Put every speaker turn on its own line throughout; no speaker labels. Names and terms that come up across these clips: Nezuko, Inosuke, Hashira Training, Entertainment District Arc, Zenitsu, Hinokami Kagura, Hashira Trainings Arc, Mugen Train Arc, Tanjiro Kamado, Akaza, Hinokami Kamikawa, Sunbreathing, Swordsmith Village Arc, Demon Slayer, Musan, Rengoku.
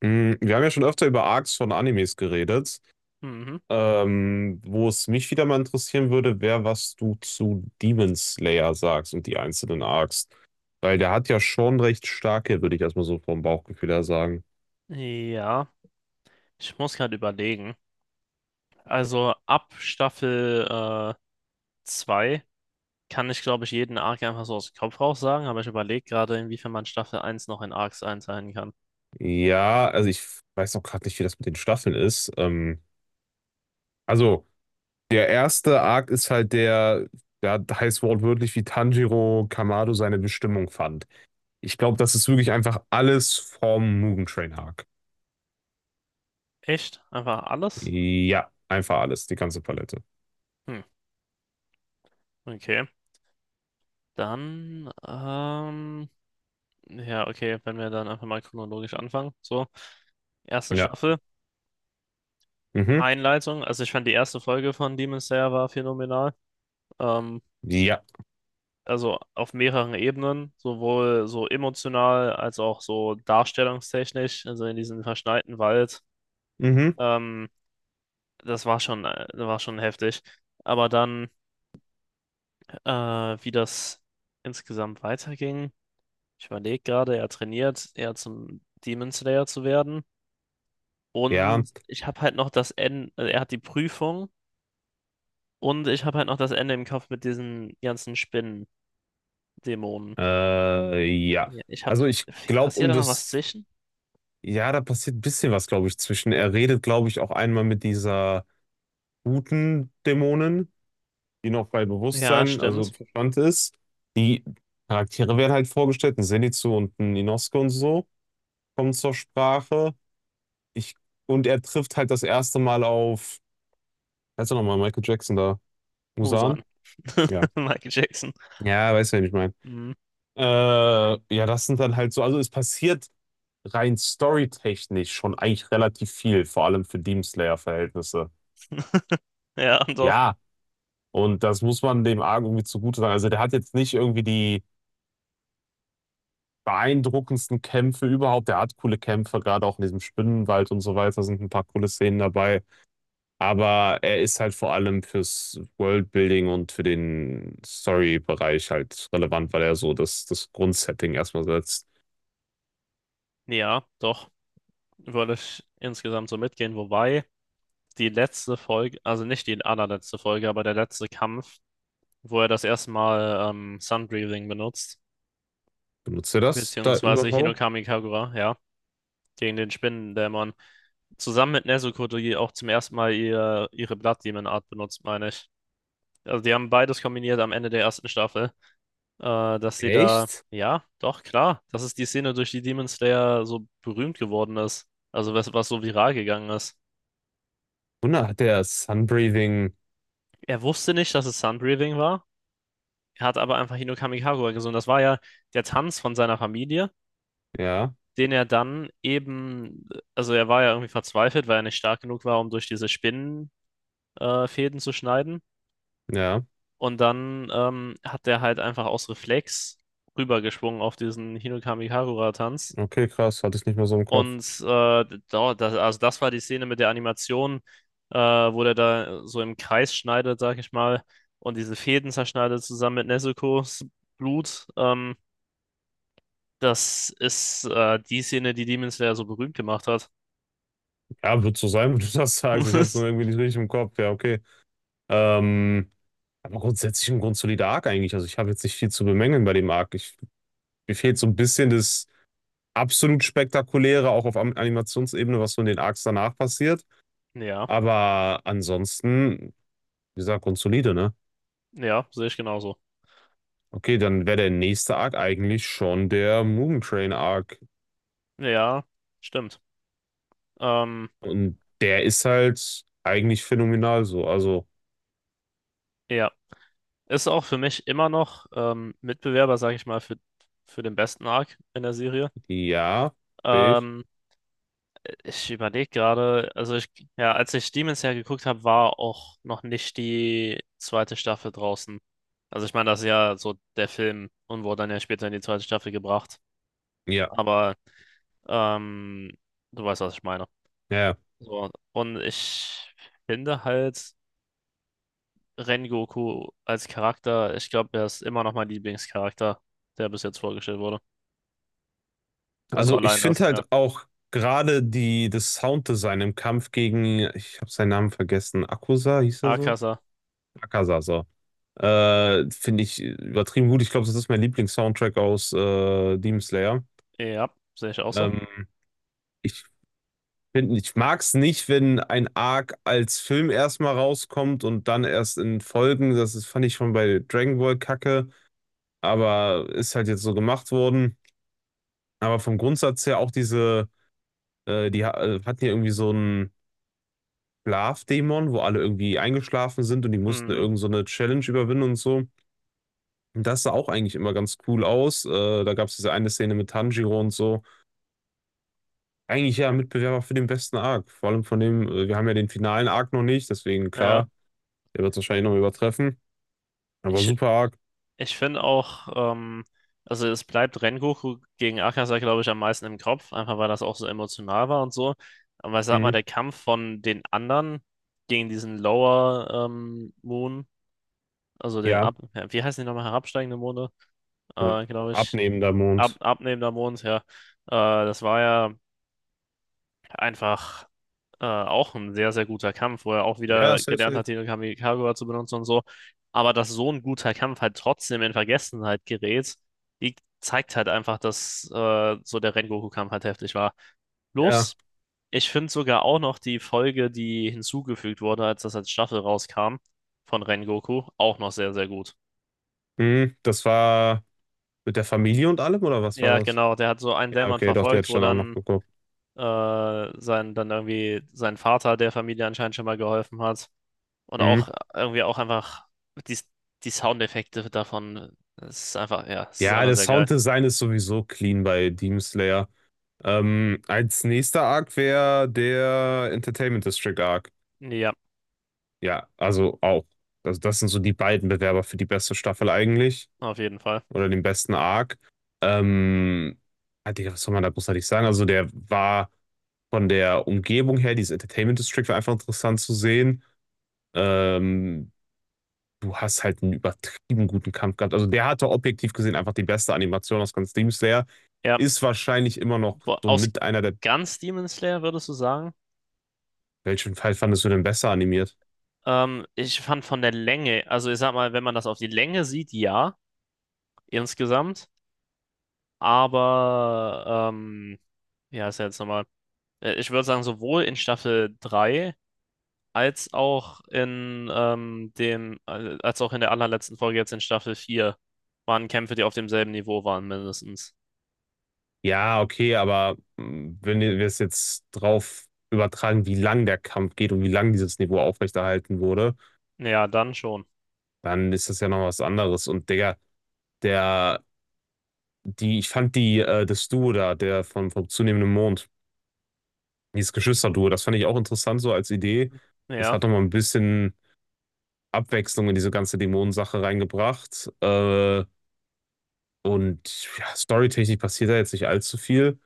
Wir haben ja schon öfter über Arcs von Animes geredet.
Mhm.
Wo es mich wieder mal interessieren würde, wäre, was du zu Demon Slayer sagst und die einzelnen Arcs. Weil der hat ja schon recht starke, würde ich erstmal so vom Bauchgefühl her sagen.
Ja, ich muss gerade überlegen. Also ab Staffel 2 kann ich, glaube ich, jeden Arc einfach so aus dem Kopf raus sagen, aber ich überlege gerade, inwiefern man Staffel eins noch in Arcs einteilen kann.
Ja, also ich weiß auch gerade nicht, wie das mit den Staffeln ist. Also, der erste Arc ist halt der, der heißt wortwörtlich, wie Tanjiro Kamado seine Bestimmung fand. Ich glaube, das ist wirklich einfach alles vom Mugen Train Arc.
Echt? Einfach alles?
Ja, einfach alles, die ganze Palette.
Hm, okay. Dann, ja, okay, wenn wir dann einfach mal chronologisch anfangen. So, erste
Ja.
Staffel,
Mhm.
Einleitung. Also ich fand die erste Folge von Demon Slayer war phänomenal. Ähm,
Ja.
also auf mehreren Ebenen, sowohl so emotional als auch so darstellungstechnisch, also in diesem verschneiten Wald.
Mhm.
Ähm, Das war schon heftig. Aber dann, äh, wie das insgesamt weiterging, ich überlege gerade, er trainiert, er zum Demon Slayer zu werden.
Ja.
Und ich habe halt noch das Ende, also er hat die Prüfung, und ich habe halt noch das Ende im Kopf mit diesen ganzen Spinnen-Dämonen.
Äh, ja.
Ja, ich habe,
Also ich glaube,
passiert da noch was zwischen?
ja, da passiert ein bisschen was, glaube ich, zwischen. Er redet, glaube ich, auch einmal mit dieser guten Dämonin, die noch bei
Ja,
Bewusstsein, also
stimmt.
Verstand ist. Die Charaktere werden halt vorgestellt, ein Zenitsu und ein Inosuke und so kommen zur Sprache. Ich, und er trifft halt das erste Mal auf, heißt er nochmal, Michael Jackson da, Musan?
Musan.
Ja.
Michael Jackson.
Ja, weißt du, wen ich meine.
Mhm.
Äh, ja, das sind dann halt so, also es passiert rein storytechnisch schon eigentlich relativ viel, vor allem für Demon Slayer-Verhältnisse.
Ja, doch.
Ja, und das muss man dem Arc irgendwie zugute sagen. Also der hat jetzt nicht irgendwie die beeindruckendsten Kämpfe überhaupt. Der hat coole Kämpfe, gerade auch in diesem Spinnenwald und so weiter sind ein paar coole Szenen dabei. Aber er ist halt vor allem fürs Worldbuilding und für den Story-Bereich halt relevant, weil er so das Grundsetting erstmal setzt.
Ja, doch. Würde ich insgesamt so mitgehen. Wobei die letzte Folge, also nicht die allerletzte Folge, aber der letzte Kampf, wo er das erste Mal Sun Breathing benutzt,
Benutzt er das da
beziehungsweise
überhaupt?
Hinokami Kagura, ja, gegen den Spinnendämon. Zusammen mit Nezuko, die auch zum ersten Mal ihre Blood Demon Art benutzt, meine ich. Also die haben beides kombiniert am Ende der ersten Staffel. Dass sie da,
Echt?
ja, doch, klar, das ist die Szene, durch die Demon Slayer so berühmt geworden ist. Also was so viral gegangen ist.
Wunder, hat der Sunbreathing.
Er wusste nicht, dass es Sunbreathing war. Er hat aber einfach Hinokami Kamikawa gesungen. Das war ja der Tanz von seiner Familie,
Ja,
den er dann eben, also er war ja irgendwie verzweifelt, weil er nicht stark genug war, um durch diese Spinnenfäden Fäden zu schneiden.
ja.
Und dann hat er halt einfach aus Reflex rübergeschwungen auf diesen Hinokami Kagura tanz.
Okay, krass. Hatte ich nicht mehr so im Kopf.
Und also das war die Szene mit der Animation, wo der da so im Kreis schneidet, sag ich mal, und diese Fäden zerschneidet zusammen mit Nezuko's Blut. Das ist die Szene, die Demon Slayer so berühmt gemacht hat.
Ja, wird so sein, wenn du das sagst. Ich hatte es nur irgendwie nicht richtig im Kopf. Ja, okay. Ähm, aber grundsätzlich ein grundsolider Arc eigentlich. Also ich habe jetzt nicht viel zu bemängeln bei dem Arc. Mir fehlt so ein bisschen das absolut Spektakuläre, auch auf Animationsebene, was so in den Arcs danach passiert.
Ja,
Aber ansonsten, wie gesagt, grundsolide, ne?
ja, sehe ich genauso.
Okay, dann wäre der nächste Arc eigentlich schon der Mugen Train Arc.
Ja, stimmt. Ähm,
Und der ist halt eigentlich phänomenal so. Also,
ja, ist auch für mich immer noch Mitbewerber, sag ich mal, für den besten Arc in der Serie.
ja, sehe ich.
Ähm, Ich überlege gerade, ja, als ich Demon Slayer geguckt habe, war auch noch nicht die zweite Staffel draußen. Also ich meine, das ist ja so der Film und wurde dann ja später in die zweite Staffel gebracht.
Ja,
Aber ähm, du weißt, was ich meine.
ja. Ja.
So, und ich finde halt Rengoku als Charakter, ich glaube, er ist immer noch mein Lieblingscharakter, der bis jetzt vorgestellt wurde. Also
Also, ich
allein
finde
das, ja.
halt auch gerade das Sounddesign im Kampf gegen, ich habe seinen Namen vergessen, Akusa hieß er so?
Akaza,
Akaza, so. Finde ich übertrieben gut. Ich glaube, das ist mein Lieblings-Soundtrack aus Demon Slayer.
ja, sehe ich auch so.
Ähm, ich finde, ich mag es nicht, wenn ein Arc als Film erstmal rauskommt und dann erst in Folgen. Das ist, fand ich schon bei Dragon Ball Kacke. Aber ist halt jetzt so gemacht worden. Aber vom Grundsatz her auch diese, hatten ja irgendwie so einen Schlafdämon, wo alle irgendwie eingeschlafen sind und die mussten
Mhm.
irgend so eine Challenge überwinden und so. Und das sah auch eigentlich immer ganz cool aus. Da gab es diese eine Szene mit Tanjiro und so. Eigentlich ja
Ja.
Mitbewerber für den besten Arc. Vor allem von dem, wir haben ja den finalen Arc noch nicht, deswegen
Ja.
klar, der wird es wahrscheinlich noch übertreffen. Aber
Ich,
super Arc.
Ich finde auch, also es bleibt Rengoku gegen Akaza, glaube ich, am meisten im Kopf, einfach weil das auch so emotional war und so. Aber ich sag mal,
Hm.
der Kampf von den anderen gegen diesen Lower Moon,
Ja,
ja, wie heißen die nochmal, herabsteigende Monde,
äh,
äh, glaube ich,
abnehmender Mond.
abnehmender Mond, ja, das war ja einfach auch ein sehr, sehr guter Kampf, wo er auch
Ja,
wieder
safe,
gelernt
safe.
hat, den Kamikaze zu benutzen und so. Aber dass so ein guter Kampf halt trotzdem in Vergessenheit gerät, die zeigt halt einfach, dass so der Rengoku-Kampf halt heftig war.
Ja,
Plus, ich finde sogar auch noch die Folge, die hinzugefügt wurde, als das als Staffel rauskam, von Rengoku, auch noch sehr, sehr gut.
hm. Das war mit der Familie und allem, oder was war
Ja,
das?
genau, der hat so einen
Ja,
Dämon
okay, doch, die hatte
verfolgt,
ich
wo
dann auch noch
dann
geguckt.
dann irgendwie sein Vater der Familie anscheinend schon mal geholfen hat. Und
Mhm.
auch irgendwie auch einfach die, die Soundeffekte davon. Es ist einfach, ja, es ist
Ja,
einfach
das
sehr geil.
Sounddesign ist sowieso clean bei Demon Slayer. Als nächster Arc wäre der Entertainment District Arc.
Ja,
Ja, also auch. Also das sind so die beiden Bewerber für die beste Staffel eigentlich.
auf jeden Fall.
Oder den besten Arc. Ähm, ah, Digga, was soll man da großartig sagen? Also der war von der Umgebung her, dieses Entertainment District war einfach interessant zu sehen. Ähm, du hast halt einen übertrieben guten Kampf gehabt. Also, der hatte objektiv gesehen einfach die beste Animation aus ganz Demon Slayer.
Ja,
Ist wahrscheinlich immer noch
wo,
so
aus
mit einer der
ganz Demon Slayer würdest du sagen?
welchen Fall fandest du denn besser animiert?
Ich fand von der Länge, also ich sag mal, wenn man das auf die Länge sieht, ja, insgesamt. Aber, ja, ist ja jetzt nochmal. Ich würde sagen, sowohl in Staffel 3 als auch in als auch in der allerletzten Folge jetzt in Staffel 4 waren Kämpfe, die auf demselben Niveau waren, mindestens.
Ja, okay, aber, hm, wenn wir es jetzt drauf übertragen, wie lang der Kampf geht und wie lang dieses Niveau aufrechterhalten wurde,
Ja, dann schon.
dann ist das ja noch was anderes. Und Digga, der die ich fand die das Duo da, der von vom zunehmenden Mond, dieses Geschwisterduo, das fand ich auch interessant so als Idee. Das
Ja.
hat noch mal 'n bisschen Abwechslung in diese ganze Dämonensache reingebracht. Und ja, storytechnisch passiert da jetzt nicht allzu viel,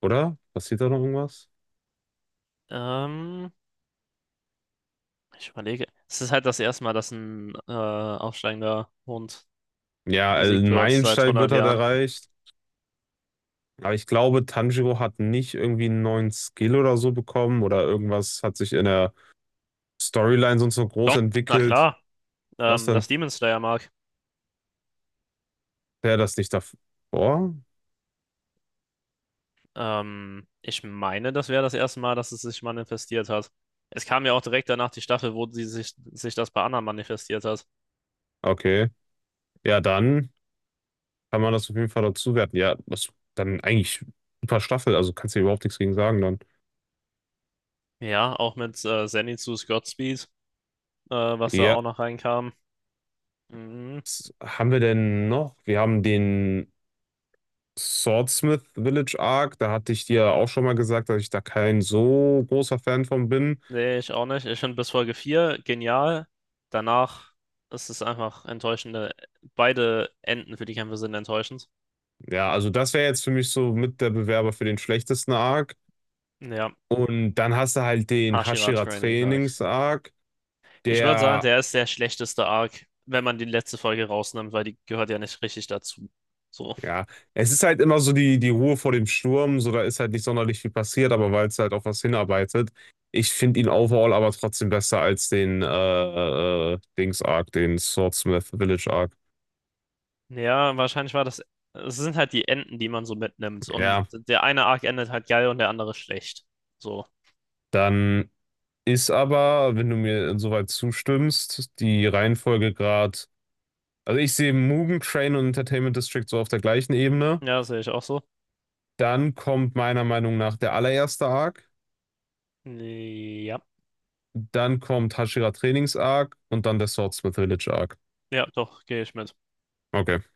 oder? Passiert da noch irgendwas?
Ähm, Ich überlege. Es ist halt das erste Mal, dass ein aufsteigender Hund
Ja,
besiegt
ein
wird seit
Meilenstein
100
wird halt
Jahren.
erreicht. Aber ich glaube, Tanjiro hat nicht irgendwie einen neuen Skill oder so bekommen oder irgendwas hat sich in der Storyline sonst so groß
Doch, na
entwickelt.
klar.
Was
Das
denn?
Demon Slayer mag.
Wäre das nicht davor?
Ich meine, das wäre das erste Mal, dass es sich manifestiert hat. Es kam ja auch direkt danach die Staffel, wo sich das bei Anna manifestiert hat.
Okay. Ja, dann kann man das auf jeden Fall dazu werten. Ja, das dann eigentlich super Staffel, also kannst du dir überhaupt nichts gegen sagen dann.
Ja, auch mit Zenitsu's Godspeed, was da auch
Ja.
noch reinkam. Mhm.
Was haben wir denn noch? Wir haben den Swordsmith Village Arc. Da hatte ich dir auch schon mal gesagt, dass ich da kein so großer Fan von bin.
Nee, ich auch nicht. Ich finde bis Folge 4 genial. Danach ist es einfach enttäuschende. Beide Enden für die Kämpfe sind enttäuschend.
Ja, also das wäre jetzt für mich so mit der Bewerber für den schlechtesten Arc.
Ja,
Und dann hast du halt den
Hashira
Hashira
Training, sag ich.
Trainings Arc,
Ich würde sagen,
der,
der ist der schlechteste Arc, wenn man die letzte Folge rausnimmt, weil die gehört ja nicht richtig dazu. So.
ja, es ist halt immer so die Ruhe vor dem Sturm. So, da ist halt nicht sonderlich viel passiert, aber weil es halt auf was hinarbeitet. Ich finde ihn overall aber trotzdem besser als den Dings Arc, den Swordsmith Village Arc.
Ja, wahrscheinlich war das. Es sind halt die Enden, die man so mitnimmt. Und
Ja,
der eine Arc endet halt geil und der andere schlecht. So.
dann ist aber, wenn du mir insoweit zustimmst, die Reihenfolge gerade. Also ich sehe Mugen Train und Entertainment District so auf der gleichen Ebene.
Ja, das sehe ich auch so.
Dann kommt meiner Meinung nach der allererste Arc.
Ja,
Dann kommt Hashira Trainings Arc und dann der Swordsmith Village Arc.
ja, doch, gehe ich mit.
Okay.